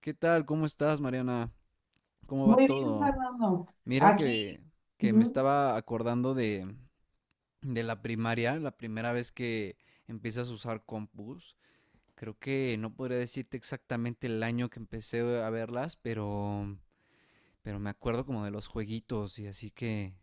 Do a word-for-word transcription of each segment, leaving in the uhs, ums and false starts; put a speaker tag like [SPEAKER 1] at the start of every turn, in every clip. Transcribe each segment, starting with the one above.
[SPEAKER 1] ¿Qué tal? ¿Cómo estás, Mariana? ¿Cómo va
[SPEAKER 2] Muy bien,
[SPEAKER 1] todo?
[SPEAKER 2] Fernando.
[SPEAKER 1] Mira
[SPEAKER 2] Aquí,
[SPEAKER 1] que, que me
[SPEAKER 2] ujú,
[SPEAKER 1] estaba acordando de, de la primaria, la primera vez que empiezas a usar compus. Creo que no podría decirte exactamente el año que empecé a verlas, pero, pero me acuerdo como de los jueguitos y así que,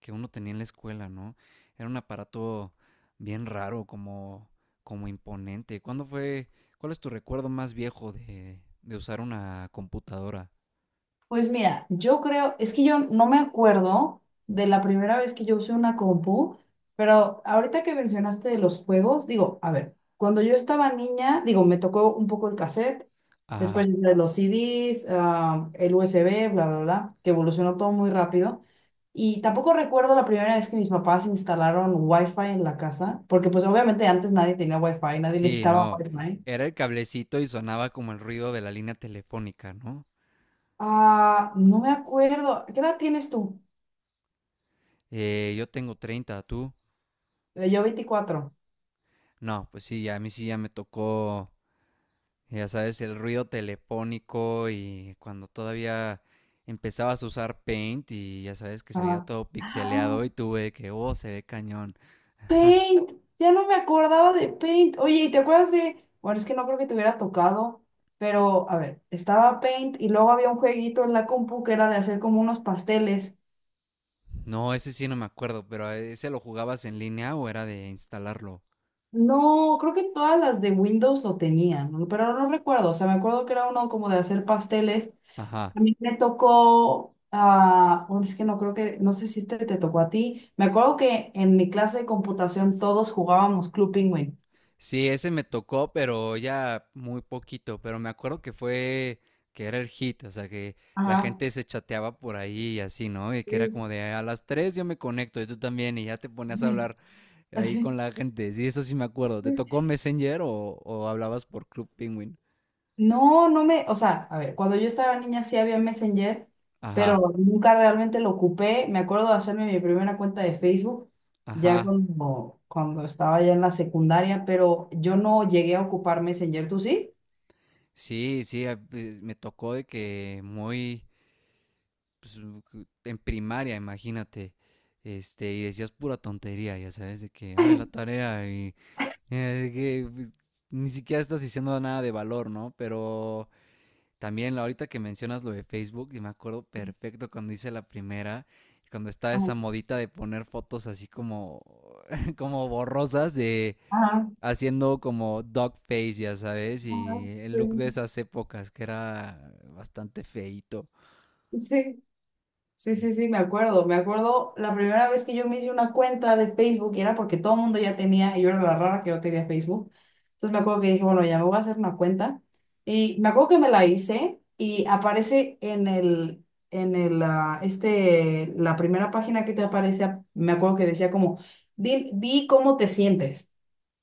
[SPEAKER 1] que uno tenía en la escuela, ¿no? Era un aparato bien raro, como, como imponente. ¿Cuándo fue? ¿Cuál es tu recuerdo más viejo de, de usar una computadora?
[SPEAKER 2] pues mira, yo creo, es que yo no me acuerdo de la primera vez que yo usé una compu, pero ahorita que mencionaste de los juegos, digo, a ver, cuando yo estaba niña, digo, me tocó un poco el cassette,
[SPEAKER 1] Ah,
[SPEAKER 2] después ya sabes, los C Ds, ah, el U S B, bla, bla, bla, que evolucionó todo muy rápido. Y tampoco recuerdo la primera vez que mis papás instalaron Wi-Fi en la casa, porque pues obviamente antes nadie tenía Wi-Fi, nadie
[SPEAKER 1] sí,
[SPEAKER 2] necesitaba
[SPEAKER 1] no.
[SPEAKER 2] Wi-Fi.
[SPEAKER 1] Era el cablecito y sonaba como el ruido de la línea telefónica, ¿no?
[SPEAKER 2] Ah, no me acuerdo. ¿Qué edad tienes tú?
[SPEAKER 1] Eh, yo tengo treinta, ¿tú?
[SPEAKER 2] Eh, Yo veinticuatro.
[SPEAKER 1] No, pues sí, a mí sí ya me tocó, ya sabes, el ruido telefónico y cuando todavía empezabas a usar Paint y ya sabes que se veía
[SPEAKER 2] Ajá.
[SPEAKER 1] todo
[SPEAKER 2] Ah,
[SPEAKER 1] pixeleado y tuve que, oh, se ve cañón.
[SPEAKER 2] Paint, ya no me acordaba de Paint. Oye, ¿y te acuerdas de...? Bueno, es que no creo que te hubiera tocado, pero a ver, estaba Paint y luego había un jueguito en la compu que era de hacer como unos pasteles.
[SPEAKER 1] No, ese sí no me acuerdo, pero eh, ¿ese lo jugabas en línea o era de instalarlo?
[SPEAKER 2] No, creo que todas las de Windows lo tenían, ¿no? Pero no recuerdo, o sea, me acuerdo que era uno como de hacer pasteles.
[SPEAKER 1] Ajá.
[SPEAKER 2] A mí me tocó, ah, bueno, es que no creo que, no sé si este te tocó a ti. Me acuerdo que en mi clase de computación todos jugábamos Club Penguin.
[SPEAKER 1] Sí, ese me tocó, pero ya muy poquito, pero me acuerdo que fue, que era el hit, o sea, que la
[SPEAKER 2] Ajá.
[SPEAKER 1] gente se chateaba por ahí y así, ¿no? Y que era
[SPEAKER 2] Sí.
[SPEAKER 1] como de, a las tres yo me conecto y tú también, y ya te ponías a hablar ahí con
[SPEAKER 2] Así.
[SPEAKER 1] la gente. Sí, eso sí me acuerdo. ¿Te tocó Messenger o, o hablabas por Club Penguin?
[SPEAKER 2] No, no me, o sea, a ver, cuando yo estaba niña sí había Messenger, pero
[SPEAKER 1] Ajá,
[SPEAKER 2] nunca realmente lo ocupé. Me acuerdo de hacerme mi primera cuenta de Facebook ya
[SPEAKER 1] ajá.
[SPEAKER 2] cuando, cuando estaba ya en la secundaria, pero yo no llegué a ocupar Messenger, ¿tú sí?
[SPEAKER 1] Sí, sí, a- eh, me tocó de que muy, pues, u- cu- en primaria, imagínate, este, y decías pura tontería, ya sabes, de que, ay, la tarea. Eh, que pues, Ni siquiera estás diciendo nada de valor, ¿no? Pero también ahorita que mencionas lo de Facebook, y me acuerdo perfecto cuando hice la primera, cuando estaba
[SPEAKER 2] Ajá,
[SPEAKER 1] esa modita de poner fotos así como como borrosas, de
[SPEAKER 2] ajá,
[SPEAKER 1] haciendo como dog face, ya sabes, y el look de
[SPEAKER 2] sí.
[SPEAKER 1] esas épocas que era bastante feito.
[SPEAKER 2] Sí, sí, sí, sí, me acuerdo. Me acuerdo la primera vez que yo me hice una cuenta de Facebook y era porque todo el mundo ya tenía, y yo era la rara que no tenía Facebook. Entonces me acuerdo que dije, bueno, ya me voy a hacer una cuenta. Y me acuerdo que me la hice y aparece en el, en el, ah, este, la primera página que te aparece, me acuerdo que decía como, di, di cómo te sientes.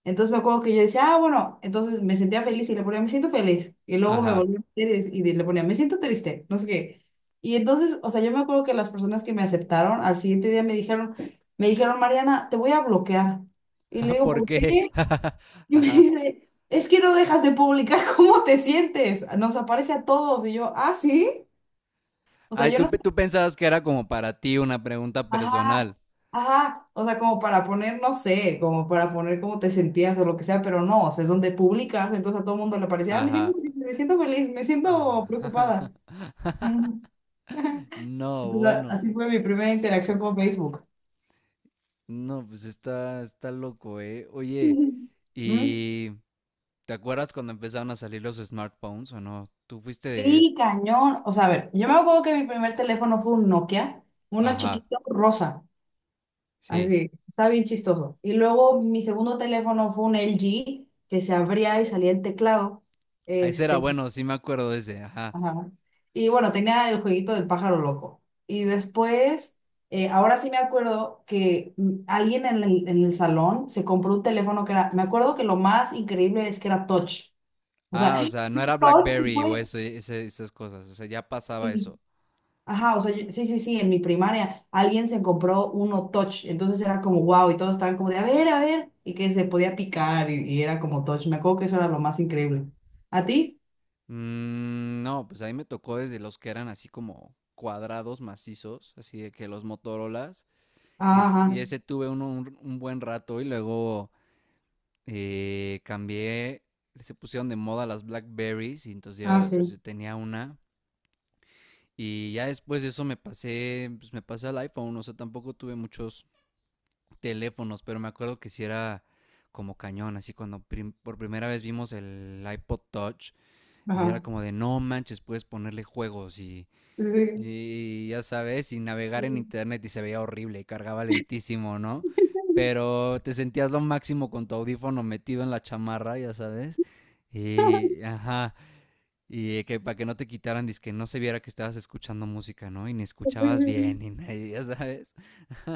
[SPEAKER 2] Entonces me acuerdo que yo decía, ah, bueno, entonces me sentía feliz y le ponía, me siento feliz. Y luego me
[SPEAKER 1] Ajá,
[SPEAKER 2] volví a meter y, y le ponía, me siento triste, no sé qué. Y entonces, o sea, yo me acuerdo que las personas que me aceptaron al siguiente día me dijeron, me dijeron, Mariana, te voy a bloquear. Y le digo,
[SPEAKER 1] ¿por
[SPEAKER 2] ¿por
[SPEAKER 1] qué?
[SPEAKER 2] qué? Y me
[SPEAKER 1] Ajá.
[SPEAKER 2] dice, es que no dejas de publicar cómo te sientes. Nos aparece a todos. Y yo, ah, sí. O sea,
[SPEAKER 1] Ay,
[SPEAKER 2] yo no.
[SPEAKER 1] tú, pe- tú pensabas que era como para ti una pregunta
[SPEAKER 2] Ajá,
[SPEAKER 1] personal.
[SPEAKER 2] ajá, o sea, como para poner, no sé, como para poner cómo te sentías o lo que sea, pero no, o sea, es donde publicas, entonces a todo el mundo le parecía, ah, me siento
[SPEAKER 1] Ajá.
[SPEAKER 2] triste, me siento feliz, me siento preocupada. Ajá.
[SPEAKER 1] No,
[SPEAKER 2] Entonces, a-
[SPEAKER 1] bueno,
[SPEAKER 2] así fue mi primera interacción con Facebook.
[SPEAKER 1] no, pues está, está loco, ¿eh? Oye,
[SPEAKER 2] Ujú. ¿Mm?
[SPEAKER 1] ¿y te acuerdas cuando empezaron a salir los smartphones o no? Tú fuiste de ese.
[SPEAKER 2] Sí, cañón. O sea, a ver, yo me acuerdo que mi primer teléfono fue un Nokia, uno
[SPEAKER 1] Ajá,
[SPEAKER 2] chiquito rosa,
[SPEAKER 1] sí.
[SPEAKER 2] así, estaba bien chistoso. Y luego mi segundo teléfono fue un L G que se abría y salía el teclado.
[SPEAKER 1] Ah, ese era
[SPEAKER 2] Este,
[SPEAKER 1] bueno, sí me acuerdo de ese, ajá.
[SPEAKER 2] ajá. Y bueno, tenía el jueguito del pájaro loco. Y después, eh, ahora sí me acuerdo que mm, alguien en el, en el salón se compró un teléfono que era, me acuerdo que lo más increíble es que era touch. O sea,
[SPEAKER 1] Ah, o sea, no era
[SPEAKER 2] touch se
[SPEAKER 1] BlackBerry o
[SPEAKER 2] puede.
[SPEAKER 1] eso, e, ese- esas cosas, o sea, ya pasaba
[SPEAKER 2] Sí.
[SPEAKER 1] eso.
[SPEAKER 2] Ajá, o sea, yo- sí, sí, sí, en mi primaria alguien se compró uno touch. Entonces era como wow y todos estaban como de, a ver, a ver, y que se podía picar y, y era como touch. Me acuerdo que eso era lo más increíble. ¿A ti?
[SPEAKER 1] Mm, no, pues ahí me tocó desde los que eran así como cuadrados macizos, así de que los Motorolas, y, es-
[SPEAKER 2] Ah,
[SPEAKER 1] y
[SPEAKER 2] sí.
[SPEAKER 1] ese tuve uno un un buen rato y luego... eh, cambié, se pusieron de moda las Blackberries y entonces
[SPEAKER 2] Ajá, ah,
[SPEAKER 1] yo, pues,
[SPEAKER 2] sí.
[SPEAKER 1] yo tenía una. Y ya después de eso me pasé, pues me pasé al iPhone, o sea, tampoco tuve muchos teléfonos, pero me acuerdo que si era como cañón, así cuando prim- por primera vez vimos el iPod Touch, así era
[SPEAKER 2] Ajá.
[SPEAKER 1] como de no manches, puedes ponerle juegos y y ya sabes, sin navegar en
[SPEAKER 2] Sí.
[SPEAKER 1] internet y se veía horrible y cargaba lentísimo, ¿no? Pero te sentías lo máximo con tu audífono metido en la chamarra, ya sabes. Y, ajá, y que para que no te quitaran, dizque no se viera que estabas escuchando música, ¿no? Y ni escuchabas bien, ni nadie, ya sabes.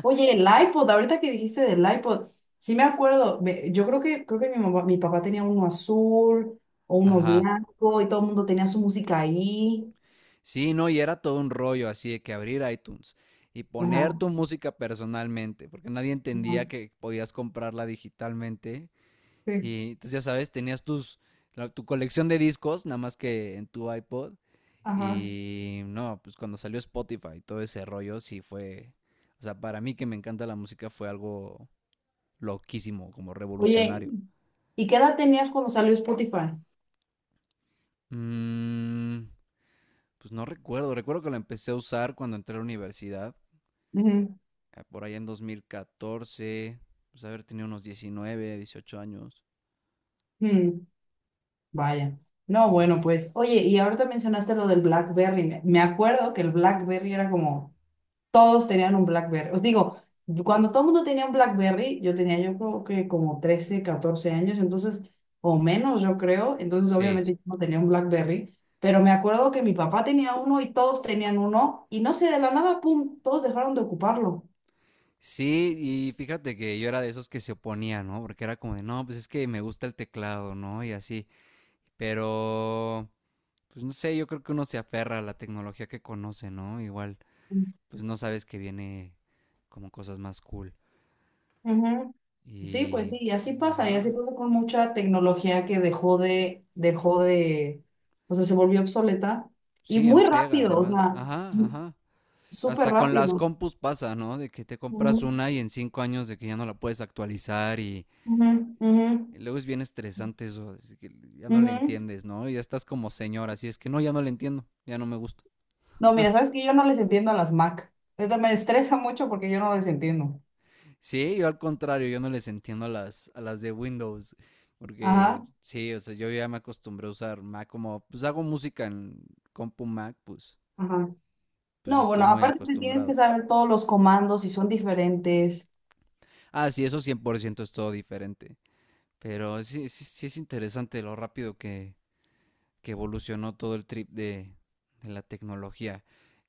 [SPEAKER 2] Oye, el iPod, ahorita que dijiste del iPod, sí me acuerdo, me- yo creo que, creo que mi mamá- mi papá tenía uno azul o uno
[SPEAKER 1] Ajá.
[SPEAKER 2] blanco y todo el mundo tenía su música ahí.
[SPEAKER 1] Sí, no, y era todo un rollo así de que abrir iTunes y
[SPEAKER 2] Ajá,
[SPEAKER 1] poner tu música personalmente, porque nadie entendía
[SPEAKER 2] ajá,
[SPEAKER 1] que podías comprarla digitalmente.
[SPEAKER 2] sí,
[SPEAKER 1] Y entonces, ya sabes, tenías tus, la- tu colección de discos, nada más que en tu iPod.
[SPEAKER 2] ajá.
[SPEAKER 1] Y no, pues cuando salió Spotify y todo ese rollo, sí fue. O sea, para mí que me encanta la música fue algo loquísimo, como
[SPEAKER 2] Oye,
[SPEAKER 1] revolucionario.
[SPEAKER 2] ¿y qué edad tenías cuando salió Spotify?
[SPEAKER 1] Mm, pues no recuerdo. Recuerdo que lo empecé a usar cuando entré a la universidad,
[SPEAKER 2] Ujú,
[SPEAKER 1] eh, por allá en dos mil catorce. Pues haber tenido unos diecinueve dieciocho años.
[SPEAKER 2] mm, vaya. No,
[SPEAKER 1] Sí, sí,
[SPEAKER 2] bueno,
[SPEAKER 1] sí.
[SPEAKER 2] pues, oye, y ahorita mencionaste lo del BlackBerry. Me, me acuerdo que el BlackBerry era como, todos tenían un BlackBerry. Os digo, yo- cuando todo el mundo tenía un BlackBerry, yo tenía yo creo que como trece, catorce años, entonces, o menos yo creo, entonces
[SPEAKER 1] Sí,
[SPEAKER 2] obviamente yo no tenía un BlackBerry, pero me acuerdo que mi papá tenía uno y todos tenían uno, y no sé, de la nada, pum, todos dejaron de ocuparlo.
[SPEAKER 1] sí, y fíjate que yo era de esos que se oponía, ¿no? Porque era como de, no, pues es que me gusta el teclado, ¿no? Y así. Pero pues no sé, yo creo que uno se aferra a la tecnología que conoce, ¿no? Igual, pues no sabes que viene como cosas más cool.
[SPEAKER 2] Ujú. Sí, pues
[SPEAKER 1] Y,
[SPEAKER 2] sí, y así
[SPEAKER 1] y
[SPEAKER 2] pasa, y así
[SPEAKER 1] ajá.
[SPEAKER 2] pasa con mucha tecnología que dejó de, dejó de, o sea, se volvió obsoleta y
[SPEAKER 1] Sí,
[SPEAKER 2] muy
[SPEAKER 1] enfriega,
[SPEAKER 2] rápido, o
[SPEAKER 1] además.
[SPEAKER 2] sea,
[SPEAKER 1] Ajá, ajá.
[SPEAKER 2] súper
[SPEAKER 1] Hasta con las
[SPEAKER 2] rápido.
[SPEAKER 1] compus pasa, ¿no? De que te compras
[SPEAKER 2] Ujú.
[SPEAKER 1] una y en cinco años de que ya no la puedes actualizar,
[SPEAKER 2] Ujú, ujú,
[SPEAKER 1] luego es bien estresante eso, que ya no le
[SPEAKER 2] ujú.
[SPEAKER 1] entiendes, ¿no? Ya estás como señora, así es que no, ya no le entiendo, ya no me gusta.
[SPEAKER 2] No, mira, sabes que yo no les entiendo a las Mac. Neta, me estresa mucho porque yo no les entiendo.
[SPEAKER 1] Sí, yo al contrario, yo no les entiendo a las, a las de Windows, porque
[SPEAKER 2] Ajá,
[SPEAKER 1] sí, o sea, yo ya me acostumbré a usar Mac como, pues hago música en compu Mac, pues,
[SPEAKER 2] ajá.
[SPEAKER 1] pues
[SPEAKER 2] No,
[SPEAKER 1] estoy
[SPEAKER 2] bueno,
[SPEAKER 1] muy
[SPEAKER 2] aparte te tienes que
[SPEAKER 1] acostumbrado.
[SPEAKER 2] saber todos los comandos y son diferentes.
[SPEAKER 1] Ah, sí, eso cien por ciento es todo diferente, pero sí, sí, sí es interesante lo rápido que, que evolucionó todo el trip de, de la tecnología.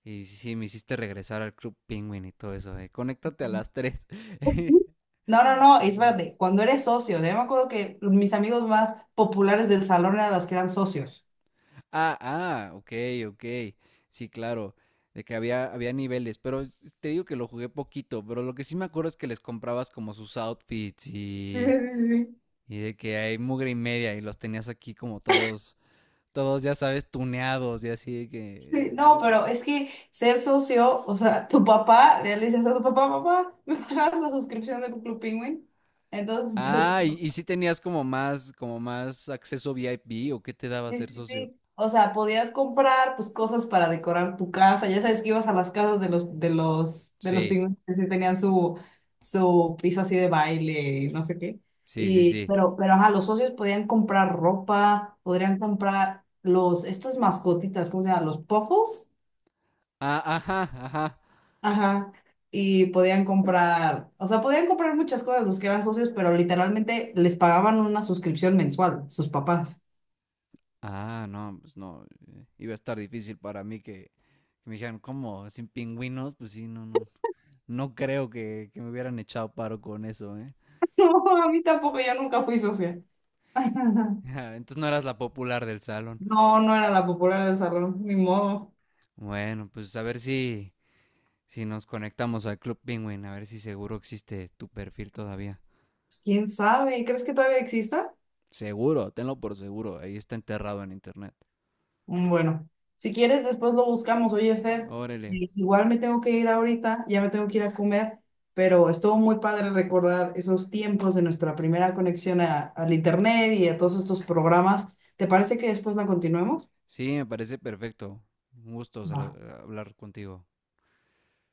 [SPEAKER 1] Y sí, me hiciste regresar al Club Penguin y todo eso, de conéctate a las tres.
[SPEAKER 2] Pues sí. No, no, no, es espérate, cuando eres socio, yo me acuerdo que mis amigos más populares del salón eran los que eran socios.
[SPEAKER 1] Ah, ah, ok, ok. Sí, claro, de que había, había niveles, pero s- te digo que lo jugué poquito, pero lo que sí me acuerdo es que les comprabas como sus outfits
[SPEAKER 2] Sí,
[SPEAKER 1] y,
[SPEAKER 2] sí, sí.
[SPEAKER 1] y de que hay mugre y media y los tenías aquí como todos, todos ya sabes, tuneados y así, de que
[SPEAKER 2] Sí, no, pero
[SPEAKER 1] eh,
[SPEAKER 2] es que ser socio, o sea, tu papá, le dices a tu papá, papá, ¿me pagas la suscripción de Club Penguin? Entonces,
[SPEAKER 1] ah, y,
[SPEAKER 2] tu,
[SPEAKER 1] y si tenías como más, como más acceso V I P o qué te daba
[SPEAKER 2] sí,
[SPEAKER 1] ser
[SPEAKER 2] sí,
[SPEAKER 1] socio.
[SPEAKER 2] sí. O sea, podías comprar pues cosas para decorar tu casa. Ya sabes que ibas a las casas de los de los de los
[SPEAKER 1] Sí,
[SPEAKER 2] pigmeos que sí tenían su su piso así de baile y no sé qué.
[SPEAKER 1] sí, sí,
[SPEAKER 2] Y
[SPEAKER 1] sí.
[SPEAKER 2] pero pero ajá, los socios podían comprar ropa, podrían comprar los estas mascotitas, ¿cómo se llaman? Los puffles.
[SPEAKER 1] Ah, ajá, ajá.
[SPEAKER 2] Ajá. Y podían comprar, o sea, podían comprar muchas cosas los que eran socios, pero literalmente les pagaban una suscripción mensual, sus papás.
[SPEAKER 1] Ah, no, pues no. eh, Iba a estar difícil para mí que, que me dijeran, ¿cómo? ¿Sin pingüinos? Pues sí, no, no. No creo que, que me hubieran echado paro con eso, ¿eh?
[SPEAKER 2] No, a mí tampoco, yo nunca fui socia.
[SPEAKER 1] Entonces no eras la popular del salón.
[SPEAKER 2] No, no era la popular del salón, ni modo.
[SPEAKER 1] Bueno, pues a ver si, si nos conectamos al Club Penguin, a ver si seguro existe tu perfil todavía.
[SPEAKER 2] Pues quién sabe, ¿crees que todavía exista?
[SPEAKER 1] Seguro, tenlo por seguro, ahí está enterrado en internet.
[SPEAKER 2] Mm, bueno, si quieres, después lo buscamos. Oye, Fer,
[SPEAKER 1] Órale.
[SPEAKER 2] eh, igual me tengo que ir ahorita, ya me tengo que ir a comer, pero estuvo muy padre recordar esos tiempos de nuestra primera conexión a- al internet y a todos estos programas. ¿Te parece que después la continuemos?
[SPEAKER 1] Sí, me parece perfecto. Un gusto
[SPEAKER 2] Va.
[SPEAKER 1] salo- eh, hablar contigo.